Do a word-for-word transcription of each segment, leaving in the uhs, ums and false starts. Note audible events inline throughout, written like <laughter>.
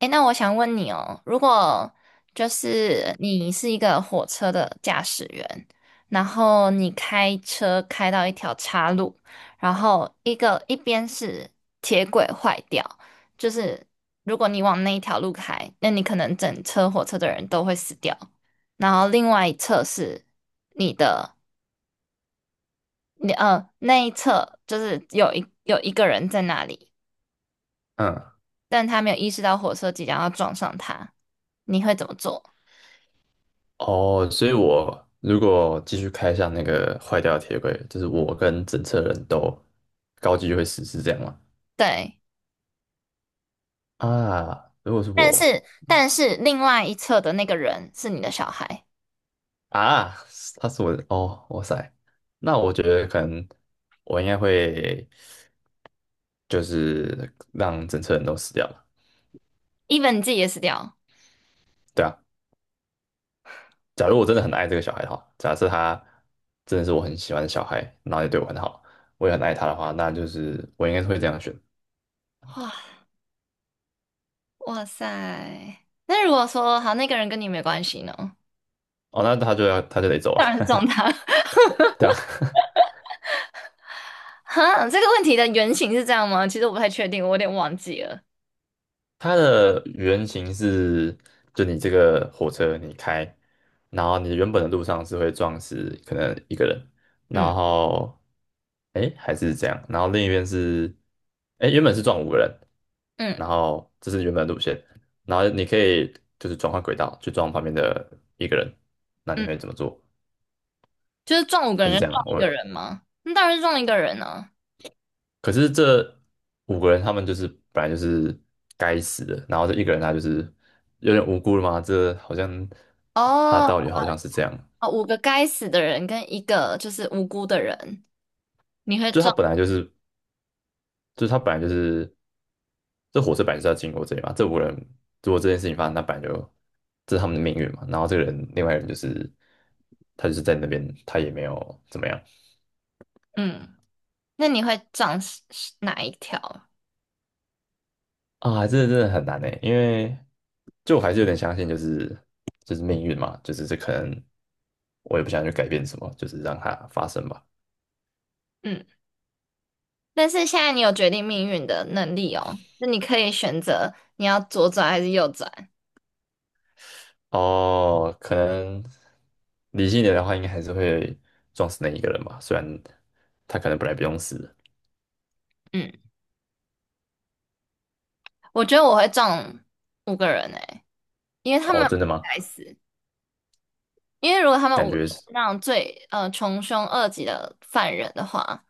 诶，那我想问你哦，如果就是你是一个火车的驾驶员，然后你开车开到一条岔路，然后一个一边是铁轨坏掉，就是如果你往那一条路开，那你可能整车火车的人都会死掉。然后另外一侧是你的，你呃那一侧就是有一有一个人在那里，嗯，但他没有意识到火车即将要撞上他，你会怎么做？哦，所以我如果继续开向那个坏掉的铁轨，就是我跟整车人都高级就会死，是这样吗？对，啊，如果是但我是但是另外一侧的那个人是你的小孩啊，他是我的哦，哇塞，那我觉得可能我应该会就是让整车人都死掉了，，even 你自己也死掉。对啊。假如我真的很爱这个小孩的话，假设他真的是我很喜欢的小孩，然后也对我很好，我也很爱他的话，那就是我应该是会这样选。哇哇塞！那如果说好，那个人跟你没关系呢？哦，那他就要他就得走了，当然是撞他。<laughs> <laughs> 对啊。哈，这个问题的原型是这样吗？其实我不太确定，我有点忘记了。它的原型是，就你这个火车你开，然后你原本的路上是会撞死可能一个人，然嗯后，哎，还是这样，然后另一边是，哎，原本是撞五个人，嗯然后这是原本的路线，然后你可以就是转换轨道去撞旁边的一个人，那你嗯，会怎么做？就是撞五个还人是跟这样啊，撞一我个人吗？那当然是撞一个人啊。可是这五个人他们就是本来就是该死的，然后这一个人他就是有点无辜了嘛，这好像他哦，道理好像是这样，哦五个该死的人跟一个就是无辜的人，你会就他撞？本来就是，就他本来就是这火车本来就是要经过这里嘛，这五个人如果这件事情发生，那本来就这是他们的命运嘛，然后这个人另外一个人就是他就是在那边，他也没有怎么样，嗯，那你会撞是是哪一条？啊，这真的很难诶，因为就我还是有点相信，就是就是命运嘛，就是这可能我也不想去改变什么，就是让它发生吧。嗯。但是现在你有决定命运的能力哦，那你可以选择你要左转还是右转。哦，可能理性一点的话，应该还是会撞死那一个人吧，虽然他可能本来不用死嗯，我觉得我会撞五个人诶，因为他哦，们真的不吗？该死。因为如果他们感五个觉都是是，那种最呃穷凶恶极的犯人的话，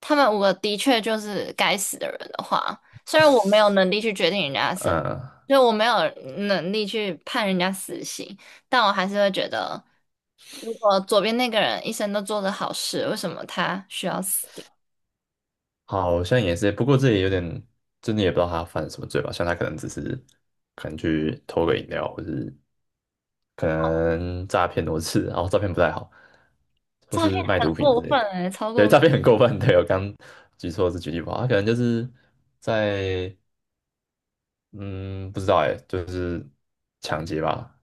他们五个的确就是该死的人的话，虽然我没有能力去决定人家的生，嗯，就我没有能力去判人家死刑，但我还是会觉得，如果左边那个人一生都做着好事，为什么他需要死掉？好像也是，不过这也有点，真的也不知道他犯了什么罪吧，像他可能只是可能去偷个饮料，或是可能诈骗多次，然后照片不太好，或诈骗是卖很毒品之过类分的。哎、超对，过诈分，骗很过分。对，我刚举错是举例不好，他可能就是在嗯，不知道哎，就是抢劫吧。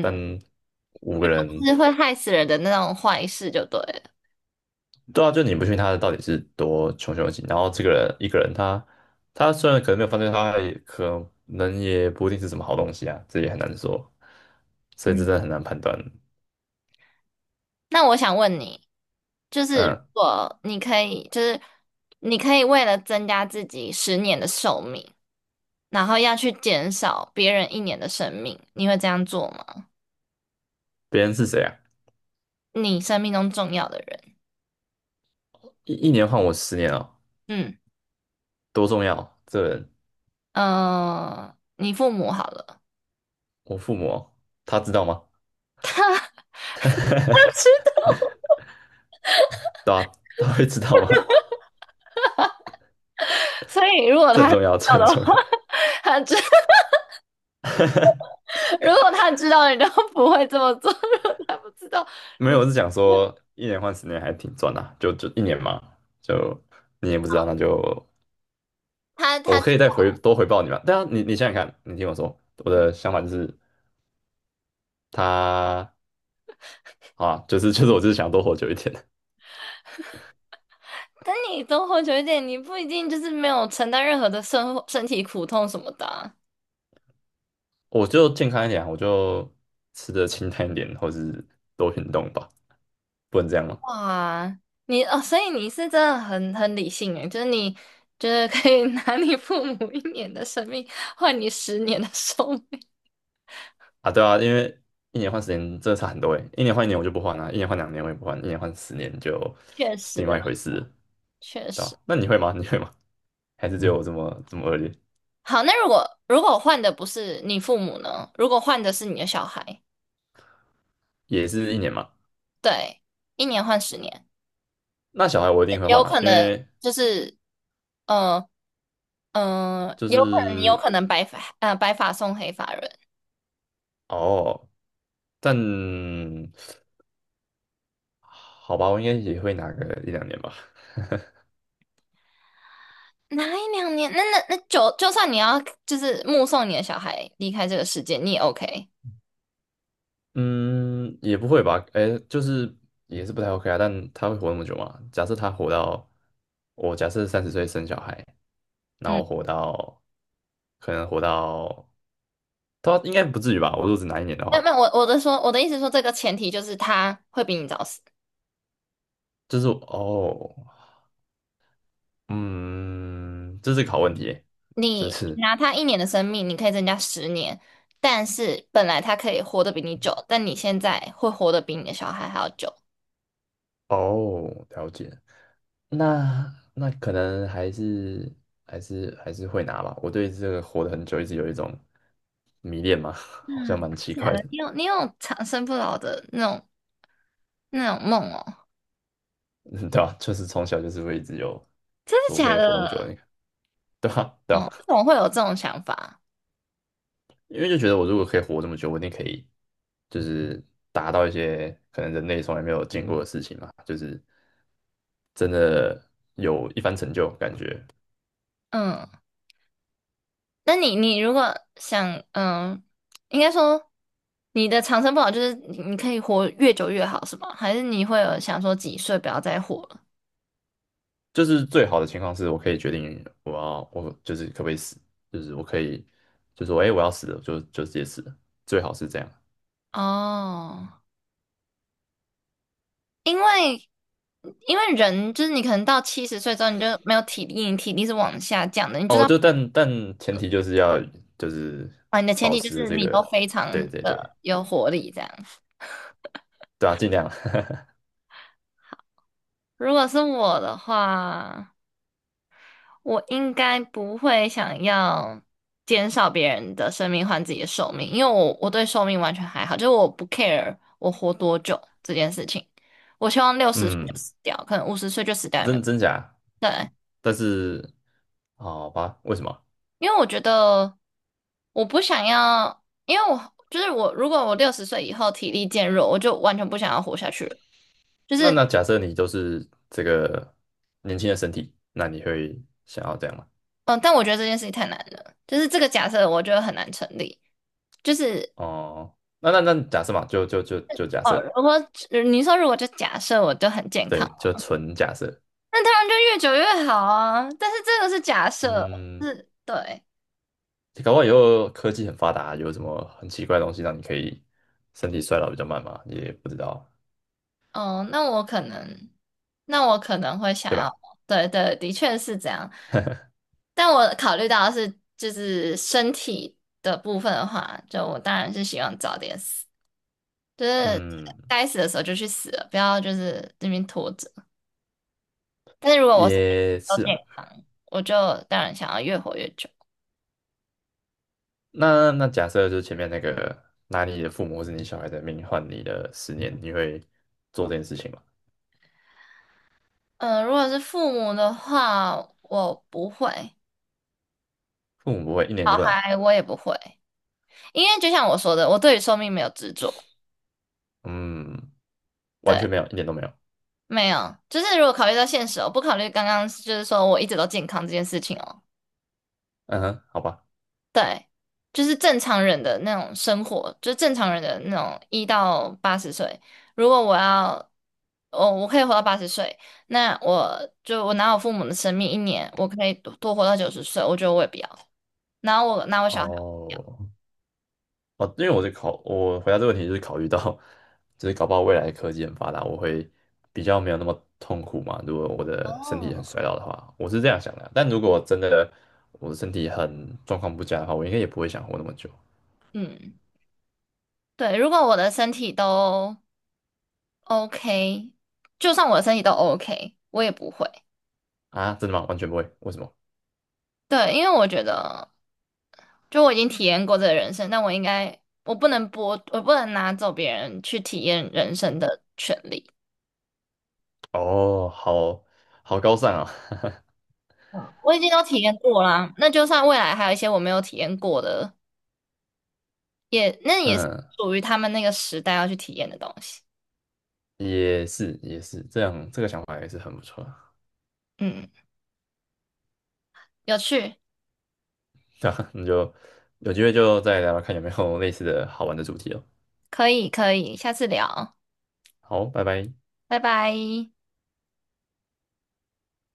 但五个人，是会害死人的那种坏事就对了。对啊，就你不信他的到底是多穷凶极恶，然后这个人一个人他他虽然可能没有犯罪，他也可能也不一定是什么好东西啊，这也很难说，所以这嗯，真的很难判断。那我想问你，就是如嗯，果你可以，就是你可以为了增加自己十年的寿命，然后要去减少别人一年的生命，你会这样做吗？别人是谁啊？你生命中重要的人，一一年换我十年啊，嗯多重要！这人，呃，你父母好了，我父母哦他知道吗？<laughs> 知道，<laughs> 对啊，他会知道吗？<laughs> 所以如 <laughs> 果这他很知重要，这道很的重话，要。<laughs> 他知。<laughs> 如果他知道你都不会这么做，<laughs> 如果他不知道没你有，我是讲说一年换十年还挺赚的啊就就一年嘛，就你也不知道，那就他我他可以再回多回报你嘛。对啊，你你想想看，你听我说，我嗯，的想法就是他啊，就是就是我就是想多活久一点，但你多活久一点，你不一定就是没有承担任何的身身体苦痛什么的啊 <laughs> 我就健康一点啊我就吃的清淡一点，或是多运动吧，不能这样吗？哇，你哦，所以你是真的很很理性诶，就是你就是可以拿你父母一年的生命换你十年的寿命，啊，对啊，因为一年换十年真的差很多诶，一年换一年我就不换了、一年换两年我也不换，一年换十年就确是实另外一啊，回事了确对实。吧、那确你会吗？<laughs> 你会吗？还是只有我这么这么恶劣？好，那如果如果换的不是你父母呢？如果换的是你的小孩，也是一年嘛。对，一年换十年，那小孩我一定会换有啊，可因能为就是嗯嗯，就有可能你有是可能白发呃白发送黑发人，哦，但好吧，我应该也会拿个一两年吧。哪一两年？那那那就就算你要就是目送你的小孩离开这个世界，你也 OK。嗯，也不会吧？哎，就是也是不太 OK 啊。但他会活那么久吗？假设他活到我假设三十岁生小孩，然嗯，后活到可能活到他应该不至于吧？我如果只拿一年的那话，那我我的说我的意思说，这个前提就是他会比你早死。就是哦，嗯，这是个好问题耶这你是拿他一年的生命，你可以增加十年，但是本来他可以活得比你久，但你现在会活得比你的小孩还要久。哦，了解。那那可能还是还是还是会拿吧。我对这个活得很久一直有一种迷恋嘛，<laughs> 好像嗯，蛮奇假怪的。的，你有你有长生不老的那种那种梦哦，<laughs> 嗯，对啊，就是从小就是会一直有，真说我的可假以活那么久，你的？看，对吧？对嗯，啊，为什么会有这种想法？因为就觉得我如果可以活这么久，我一定可以，就是达到一些可能人类从来没有见过的事情嘛，就是真的有一番成就，感觉嗯，那你你如果想，嗯，应该说你的长生不老就是你你可以活越久越好，是吗？还是你会有想说几岁不要再活了？就是最好的情况是我可以决定我要我就是可不可以死，就是我可以就说哎、诶我要死了，就就直接死了，最好是这样。哦，因为因为人就是你可能到七十岁之后你就没有体力，你体力是往下降的，你就是哦，要就但但前提就是要就是啊，你的前保提就持是这你都个，非常对对对，的有活力这样。对啊，尽量，<laughs> 如果是我的话。我应该不会想要减少别人的生命换自己的寿命，因为我我对寿命完全还好，就是我不 care 我活多久这件事情。我希望六十岁就嗯，死掉，可能五十岁就死掉也没真真假，对，但是好吧，为什么？因为我觉得我不想要，因为我就是我，如果我六十岁以后体力渐弱，我就完全不想要活下去了。就那是那假设你就是这个年轻的身体，那你会想要这样吗？嗯、呃但我觉得这件事情太难了，就是这个假设我觉得很难成立。就是哦，那那那假设嘛，就就就就假设，哦，如果呃你说如果就假设我就很健对，康。就纯假设，那当然就越久越好啊。但是这个是假设，嗯，是对，搞不好以后科技很发达，有什么很奇怪的东西让你可以身体衰老比较慢嘛，也不知道，嗯，那我可能，那我可能会想对要，吧？对对，的确是这样。但我考虑到的是就是身体的部分的话，就我当然是希望早点死，就是嗯，该死的时候就去死了，不要就是这边拖着。但是如果我是 也 o 是点，啊。我就当然想要越活越久。那那假设就是前面那个拿你的父母或是你小孩的命换你的十年，你会做这件事情吗？嗯、如果是父母的话，我不会，父母不会一点小都不拿，孩我也不会。因为就像我说的，我对于寿命没有执着，嗯，完对，全没有，一点都没有。没有，就是如果考虑到现实哦，不考虑刚刚就是说我一直都健康这件事情哦，嗯哼，好吧，对，就是正常人的那种生活，就是正常人的那种一到八十岁，如果我要，哦，我可以活到八十岁，那我就我拿我父母的生命一年，我可以多多活到九十岁，我觉得我也不要，然后我拿我小孩我也不要，哦哦，因为我是考，我回答这个问题就是考虑到，就是搞不好未来科技很发达，我会比较没有那么痛苦嘛。如果我的身体哦，很衰老的话，我是这样想的啊。但如果真的我的身体很状况不佳的话，我应该也不会想活那么久嗯，对，如果我的身体都 OK，就算我的身体都 OK，我也不会。啊。真的吗？完全不会，为什么？对，因为我觉得，就我已经体验过这个人生，但我应该，我不能剥，我不能拿走别人去体验人生的权利。哦，好好高尚啊，嗯，我已经都体验过啦，那就算未来还有一些我没有体验过的，也那 <laughs> 也是嗯，属于他们那个时代要去体验的东西。也是也是，这样这个想法也是很不错啊。嗯，有趣，<laughs> 那你就有机会就再聊聊看有没有类似的好玩的主题哦。可以可以，下次聊，好，拜拜。拜拜。